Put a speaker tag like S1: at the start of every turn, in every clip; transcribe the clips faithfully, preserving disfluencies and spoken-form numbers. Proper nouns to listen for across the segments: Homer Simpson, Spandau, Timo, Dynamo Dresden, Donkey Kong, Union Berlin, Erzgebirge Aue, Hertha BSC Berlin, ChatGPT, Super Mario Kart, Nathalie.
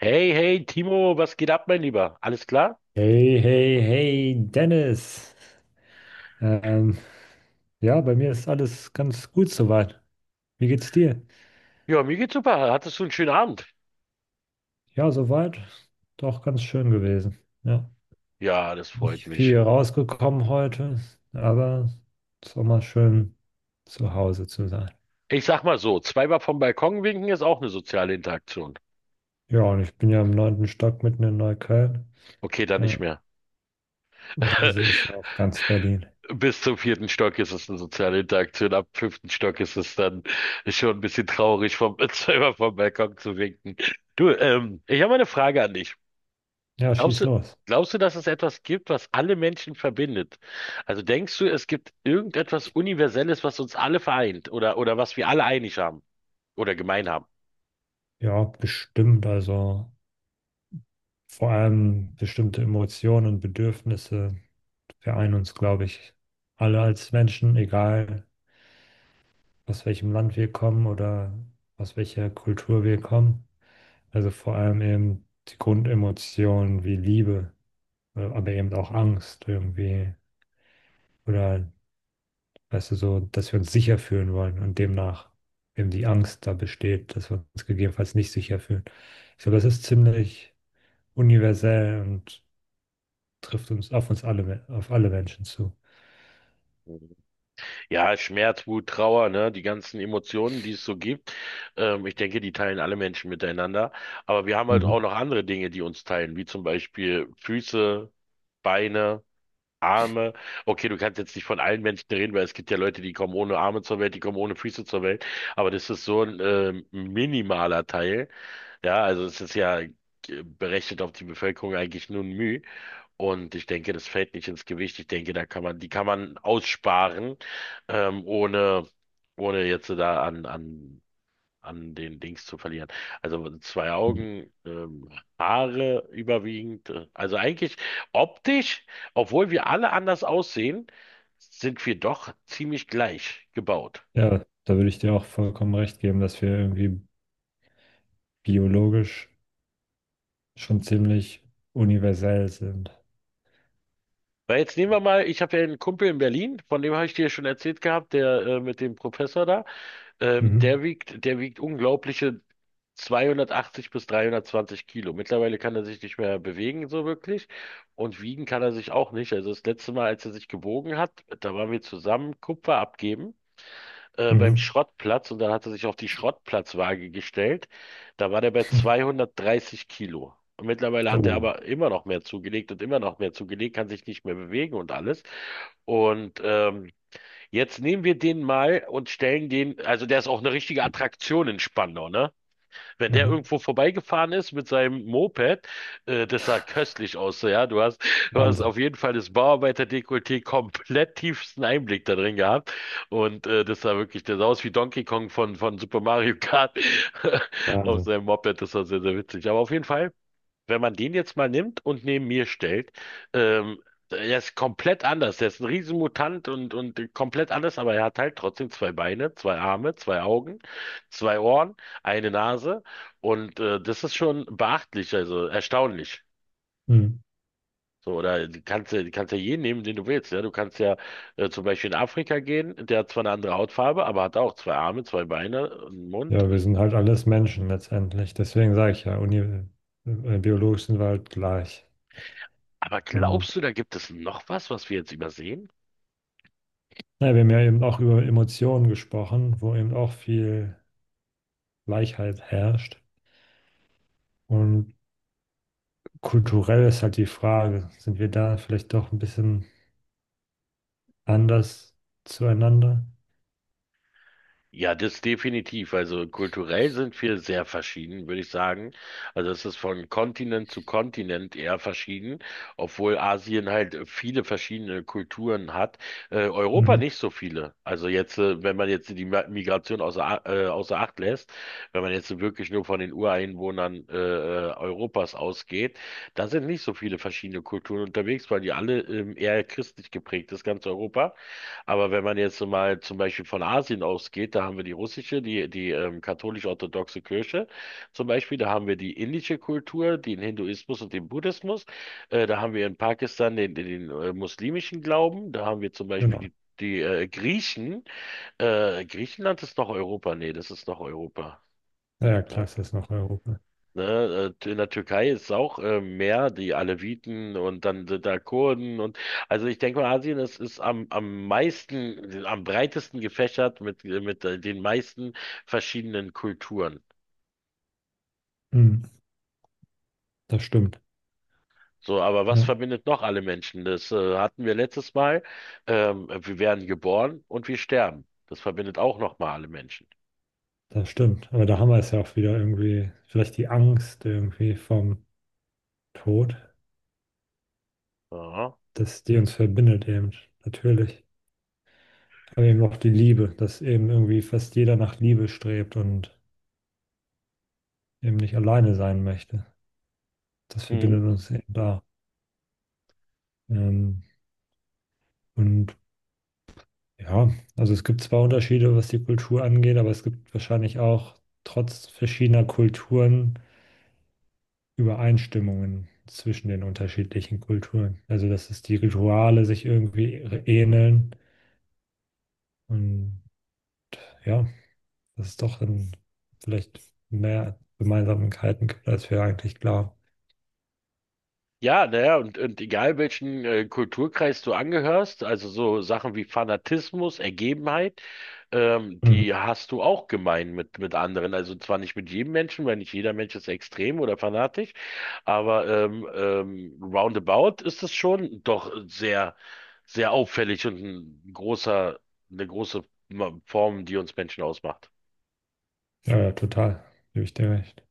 S1: Hey, hey, Timo, was geht ab, mein Lieber? Alles klar?
S2: Hey, hey, hey, Dennis. Ähm, ja, bei mir ist alles ganz gut soweit. Wie geht's dir?
S1: Ja, mir geht's super. Hattest du einen schönen Abend?
S2: Ja, soweit. Doch ganz schön gewesen. Ja,
S1: Ja, das freut
S2: nicht
S1: mich.
S2: viel rausgekommen heute, aber es war mal schön zu Hause zu sein.
S1: Ich sag mal so, zweimal vom Balkon winken ist auch eine soziale Interaktion.
S2: Ja, und ich bin ja im neunten Stock mitten in Neukölln.
S1: Okay, dann
S2: Ja,
S1: nicht mehr.
S2: und da sehe ich ja auch ganz Berlin.
S1: Bis zum vierten Stock ist es eine soziale Interaktion. Ab fünften Stock ist es dann schon ein bisschen traurig, vom, zweimal vom Balkon zu winken. Du, ähm, ich habe eine Frage an dich.
S2: Ja,
S1: Glaubst
S2: schieß
S1: du,
S2: los.
S1: glaubst du, dass es etwas gibt, was alle Menschen verbindet? Also denkst du, es gibt irgendetwas Universelles, was uns alle vereint oder, oder was wir alle einig haben oder gemein haben?
S2: Ja, bestimmt. Also vor allem bestimmte Emotionen und Bedürfnisse vereinen uns, glaube ich, alle als Menschen, egal aus welchem Land wir kommen oder aus welcher Kultur wir kommen. Also vor allem eben die Grundemotionen wie Liebe, äh, aber eben auch Angst irgendwie oder, weißt du, so, dass wir uns sicher fühlen wollen und demnach eben die Angst da besteht, dass wir uns gegebenenfalls nicht sicher fühlen. Ich glaube, das ist ziemlich universell und trifft uns auf uns alle, auf alle Menschen zu.
S1: Mhm. Ja, Schmerz, Wut, Trauer, ne, die ganzen Emotionen, die es so gibt. Ähm, ich denke, die teilen alle Menschen miteinander. Aber wir haben halt auch
S2: Mhm.
S1: noch andere Dinge, die uns teilen, wie zum Beispiel Füße, Beine. Arme. Okay, du kannst jetzt nicht von allen Menschen reden, weil es gibt ja Leute, die kommen ohne Arme zur Welt, die kommen ohne Füße zur Welt. Aber das ist so ein ähm, minimaler Teil. Ja, also es ist ja äh, berechnet auf die Bevölkerung eigentlich nur ein Müh. Und ich denke, das fällt nicht ins Gewicht. Ich denke, da kann man, die kann man aussparen, ähm, ohne, ohne jetzt da an, an an den Dings zu verlieren. Also zwei Augen, ähm, Haare überwiegend. äh, Also eigentlich optisch, obwohl wir alle anders aussehen, sind wir doch ziemlich gleich gebaut.
S2: Ja, da würde ich dir auch vollkommen recht geben, dass wir irgendwie biologisch schon ziemlich universell sind.
S1: Weil jetzt nehmen wir mal, ich habe ja einen Kumpel in Berlin, von dem habe ich dir schon erzählt gehabt, der äh, mit dem Professor da. Ähm,
S2: Mhm.
S1: der wiegt, der wiegt unglaubliche zweihundertachtzig bis dreihundertzwanzig Kilo. Mittlerweile kann er sich nicht mehr bewegen, so wirklich. Und wiegen kann er sich auch nicht. Also das letzte Mal, als er sich gewogen hat, da waren wir zusammen Kupfer abgeben, äh, beim
S2: Mhm.
S1: Schrottplatz. Und dann hat er sich auf die Schrottplatzwaage gestellt. Da war der bei zweihundertdreißig Kilo. Und mittlerweile hat er
S2: Oh,
S1: aber immer noch mehr zugelegt und immer noch mehr zugelegt, kann sich nicht mehr bewegen und alles. Und ähm, jetzt nehmen wir den mal und stellen den, also der ist auch eine richtige Attraktion in Spandau, ne? Wenn der
S2: aha.
S1: irgendwo vorbeigefahren ist mit seinem Moped, äh, das sah köstlich aus, so, ja. Du hast, du hast
S2: Wahnsinn,
S1: auf jeden Fall das Bauarbeiter-Dekolleté komplett tiefsten Einblick da drin gehabt. Und äh, das sah wirklich, das sah aus wie Donkey Kong von, von Super Mario Kart auf
S2: Wahnsinn.
S1: seinem Moped. Das war sehr, sehr witzig. Aber auf jeden Fall wenn man den jetzt mal nimmt und neben mir stellt, ähm, er ist komplett anders. Er ist ein Riesenmutant und, und komplett anders, aber er hat halt trotzdem zwei Beine, zwei Arme, zwei Augen, zwei Ohren, eine Nase und äh, das ist schon beachtlich, also erstaunlich.
S2: Mhm.
S1: So, oder du kannst, ja- du kannst ja jeden nehmen, den du willst. Ja? Du kannst ja äh, zum Beispiel in Afrika gehen, der hat zwar eine andere Hautfarbe, aber hat auch zwei Arme, zwei Beine, einen Mund.
S2: Ja, wir sind halt alles Menschen letztendlich. Deswegen sage ich ja, uni äh, biologisch sind wir halt gleich.
S1: Aber
S2: Und
S1: glaubst du, da gibt es noch was, was wir jetzt übersehen?
S2: naja, wir haben ja eben auch über Emotionen gesprochen, wo eben auch viel Gleichheit herrscht. Und kulturell ist halt die Frage, sind wir da vielleicht doch ein bisschen anders zueinander?
S1: Ja, das definitiv. Also kulturell sind wir sehr verschieden, würde ich sagen. Also es ist von Kontinent zu Kontinent eher verschieden, obwohl Asien halt viele verschiedene Kulturen hat. Äh, Europa
S2: Mhm.
S1: nicht so viele. Also jetzt, äh, wenn man jetzt die Ma- Migration außer, A- äh, außer Acht lässt, wenn man jetzt wirklich nur von den Ureinwohnern äh, äh, Europas ausgeht, da sind nicht so viele verschiedene Kulturen unterwegs, weil die alle ähm, eher christlich geprägt ist, ganz Europa. Aber wenn man jetzt so mal zum Beispiel von Asien ausgeht, da haben wir die russische, die, die ähm, katholisch-orthodoxe Kirche zum Beispiel, da haben wir die indische Kultur, den Hinduismus und den Buddhismus, äh, da haben wir in Pakistan den, den, den äh, muslimischen Glauben, da haben wir zum Beispiel
S2: Genau.
S1: die, die äh, Griechen. Äh, Griechenland ist noch Europa? Nee, das ist noch Europa.
S2: Ja, ja, klar, es ist das noch Europa.
S1: Ne, äh, in der Türkei ist es auch äh, mehr die Aleviten und dann sind da Kurden und also ich denke mal, Asien ist, ist am, am meisten, am breitesten gefächert mit, mit äh, den meisten verschiedenen Kulturen.
S2: Mhm. Das stimmt.
S1: So, aber was
S2: Ja,
S1: verbindet noch alle Menschen? Das äh, hatten wir letztes Mal. Ähm, wir werden geboren und wir sterben. Das verbindet auch nochmal alle Menschen.
S2: das stimmt. Aber da haben wir es ja auch wieder irgendwie, vielleicht die Angst irgendwie vom Tod,
S1: Aha.
S2: dass die uns verbindet eben, natürlich. Aber eben auch die Liebe, dass eben irgendwie fast jeder nach Liebe strebt und eben nicht alleine sein möchte. Das
S1: Mhm.
S2: verbindet uns eben da. Ähm, und ja, also es gibt zwar Unterschiede, was die Kultur angeht, aber es gibt wahrscheinlich auch trotz verschiedener Kulturen Übereinstimmungen zwischen den unterschiedlichen Kulturen. Also, dass es die Rituale sich irgendwie ähneln. Und ja, dass es doch dann vielleicht mehr Gemeinsamkeiten gibt, als wir eigentlich glauben.
S1: Ja, naja, und, und egal welchen äh, Kulturkreis du angehörst, also so Sachen wie Fanatismus, Ergebenheit, ähm,
S2: Mhm.
S1: die hast du auch gemein mit, mit anderen. Also zwar nicht mit jedem Menschen, weil nicht jeder Mensch ist extrem oder fanatisch, aber ähm, ähm, roundabout ist es schon doch sehr, sehr auffällig und ein großer, eine große Ma- Form, die uns Menschen ausmacht.
S2: Ja, ja, total. Gebe ich dir recht.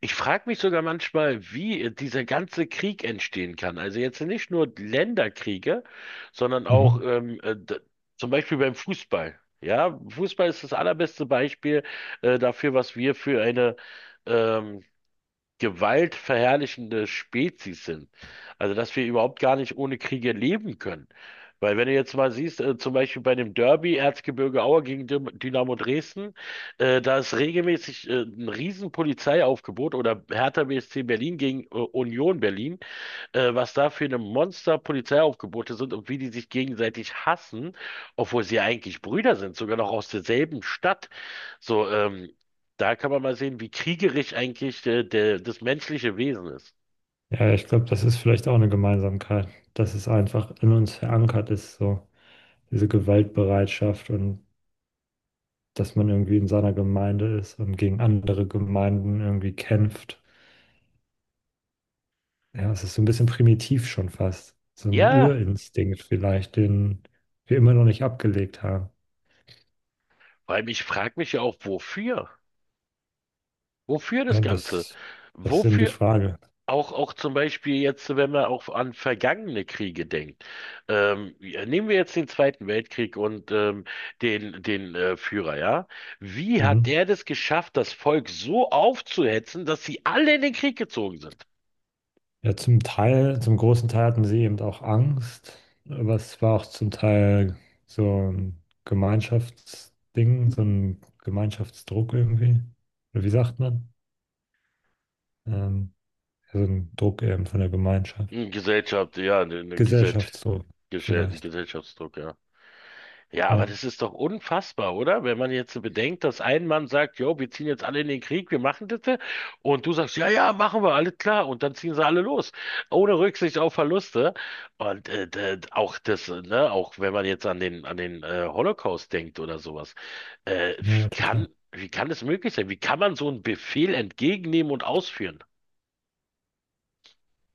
S1: Ich frage mich sogar manchmal, wie dieser ganze Krieg entstehen kann. Also jetzt nicht nur Länderkriege, sondern auch
S2: Mhm.
S1: ähm, äh, d- zum Beispiel beim Fußball. Ja, Fußball ist das allerbeste Beispiel äh, dafür, was wir für eine ähm, gewaltverherrlichende Spezies sind. Also, dass wir überhaupt gar nicht ohne Kriege leben können. Weil wenn du jetzt mal siehst, äh, zum Beispiel bei dem Derby Erzgebirge Aue gegen Dym- Dynamo Dresden, äh, da ist regelmäßig äh, ein riesen Polizeiaufgebot oder Hertha B S C Berlin gegen äh, Union Berlin, äh, was da für eine Monster Polizeiaufgebote sind und wie die sich gegenseitig hassen, obwohl sie ja eigentlich Brüder sind, sogar noch aus derselben Stadt. So, ähm, da kann man mal sehen, wie kriegerisch eigentlich äh, der, das menschliche Wesen ist.
S2: Ja, ich glaube, das ist vielleicht auch eine Gemeinsamkeit, dass es einfach in uns verankert ist, so diese Gewaltbereitschaft und dass man irgendwie in seiner Gemeinde ist und gegen andere Gemeinden irgendwie kämpft. Ja, es ist so ein bisschen primitiv schon fast. So ein
S1: Ja,
S2: Urinstinkt vielleicht, den wir immer noch nicht abgelegt haben.
S1: weil ich frage mich ja auch, wofür? Wofür das
S2: Ja,
S1: Ganze?
S2: das, das ist eben die
S1: Wofür
S2: Frage.
S1: auch, auch zum Beispiel jetzt, wenn man auch an vergangene Kriege denkt. Ähm, ja, nehmen wir jetzt den Zweiten Weltkrieg und ähm, den, den äh, Führer, ja? Wie hat
S2: Mhm.
S1: der das geschafft, das Volk so aufzuhetzen, dass sie alle in den Krieg gezogen sind?
S2: Ja, zum Teil, zum großen Teil hatten sie eben auch Angst, aber es war auch zum Teil so ein Gemeinschaftsding, so ein Gemeinschaftsdruck irgendwie. Oder wie sagt man? Ähm, ja, so ein Druck eben von der Gemeinschaft.
S1: Hm, Gesellschaft, ja, eine Gesellschaft.
S2: Gesellschaftsdruck vielleicht.
S1: Gesellschaftsdruck, ja. Ja, aber
S2: Ja,
S1: das ist doch unfassbar, oder? Wenn man jetzt so bedenkt, dass ein Mann sagt, jo, wir ziehen jetzt alle in den Krieg, wir machen das, ja. Und du sagst, ja, ja, machen wir, alles klar, und dann ziehen sie alle los, ohne Rücksicht auf Verluste. Und äh, d- auch das, äh, ne, auch wenn man jetzt an den an den äh, Holocaust denkt oder sowas, äh,
S2: ja, ja,
S1: wie kann
S2: total.
S1: wie kann es möglich sein? Wie kann man so einen Befehl entgegennehmen und ausführen?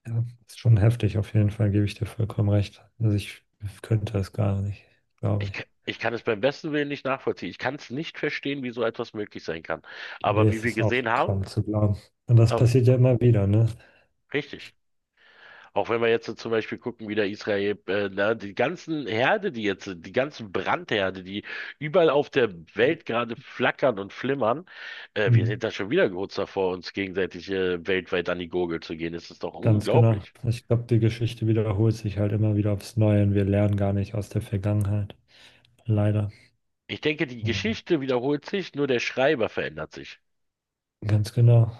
S2: Ja, ist schon heftig, auf jeden Fall gebe ich dir vollkommen recht. Also ich könnte es gar nicht, glaube
S1: Ich, ka-
S2: ich.
S1: ich kann es beim besten Willen nicht nachvollziehen. Ich kann es nicht verstehen, wie so etwas möglich sein kann.
S2: Nee,
S1: Aber wie
S2: es
S1: wir
S2: ist auch
S1: gesehen haben,
S2: kaum zu glauben. Und das
S1: äh,
S2: passiert ja immer wieder, ne?
S1: richtig. Auch wenn wir jetzt so zum Beispiel gucken, wie der Israel, äh, na, die ganzen Herde, die jetzt, die ganzen Brandherde, die überall auf der Welt gerade flackern und flimmern, äh, wir
S2: Mhm.
S1: sind da schon wieder kurz davor, uns gegenseitig, äh, weltweit an die Gurgel zu gehen. Das ist doch
S2: Ganz genau.
S1: unglaublich.
S2: Ich glaube, die Geschichte wiederholt sich halt immer wieder aufs Neue und wir lernen gar nicht aus der Vergangenheit. Leider.
S1: Ich denke, die
S2: Und
S1: Geschichte wiederholt sich, nur der Schreiber verändert sich.
S2: ganz genau.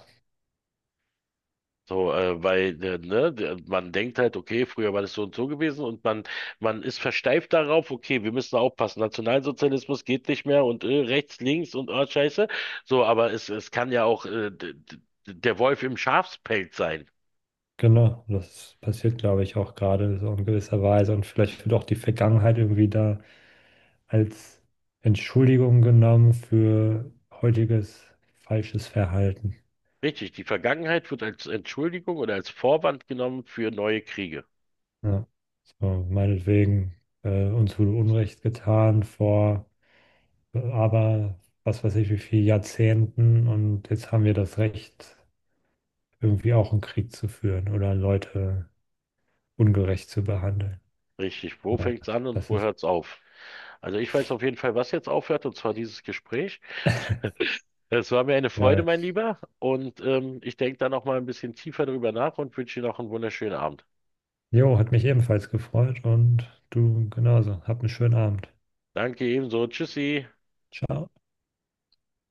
S1: So, äh, weil äh, ne, der- man denkt halt, okay, früher war das so und so gewesen und man, man ist versteift darauf, okay, wir müssen aufpassen, Nationalsozialismus geht nicht mehr und äh, rechts, links und oh, Scheiße. So, aber es, es kann ja auch äh, d- d- der Wolf im Schafspelz sein.
S2: Genau. Das passiert, glaube ich, auch gerade so in gewisser Weise. Und vielleicht wird auch die Vergangenheit irgendwie da als Entschuldigung genommen für heutiges falsches Verhalten.
S1: Richtig, die Vergangenheit wird als Entschuldigung oder als Vorwand genommen für neue Kriege.
S2: Ja. So, meinetwegen, äh, uns wurde Unrecht getan vor, aber was weiß ich, wie viel Jahrzehnten und jetzt haben wir das Recht, irgendwie auch einen Krieg zu führen oder Leute ungerecht zu behandeln.
S1: Richtig, wo
S2: Aber
S1: fängt's an und
S2: das
S1: wo
S2: ist
S1: hört's auf? Also ich weiß auf jeden Fall, was jetzt aufhört, und zwar dieses Gespräch. Es war mir eine Freude,
S2: geil.
S1: mein Lieber. Und ähm, ich denke da noch mal ein bisschen tiefer drüber nach und wünsche dir noch einen wunderschönen Abend.
S2: Jo, hat mich ebenfalls gefreut und du genauso. Hab einen schönen Abend.
S1: Danke ebenso. Tschüssi.
S2: Ciao.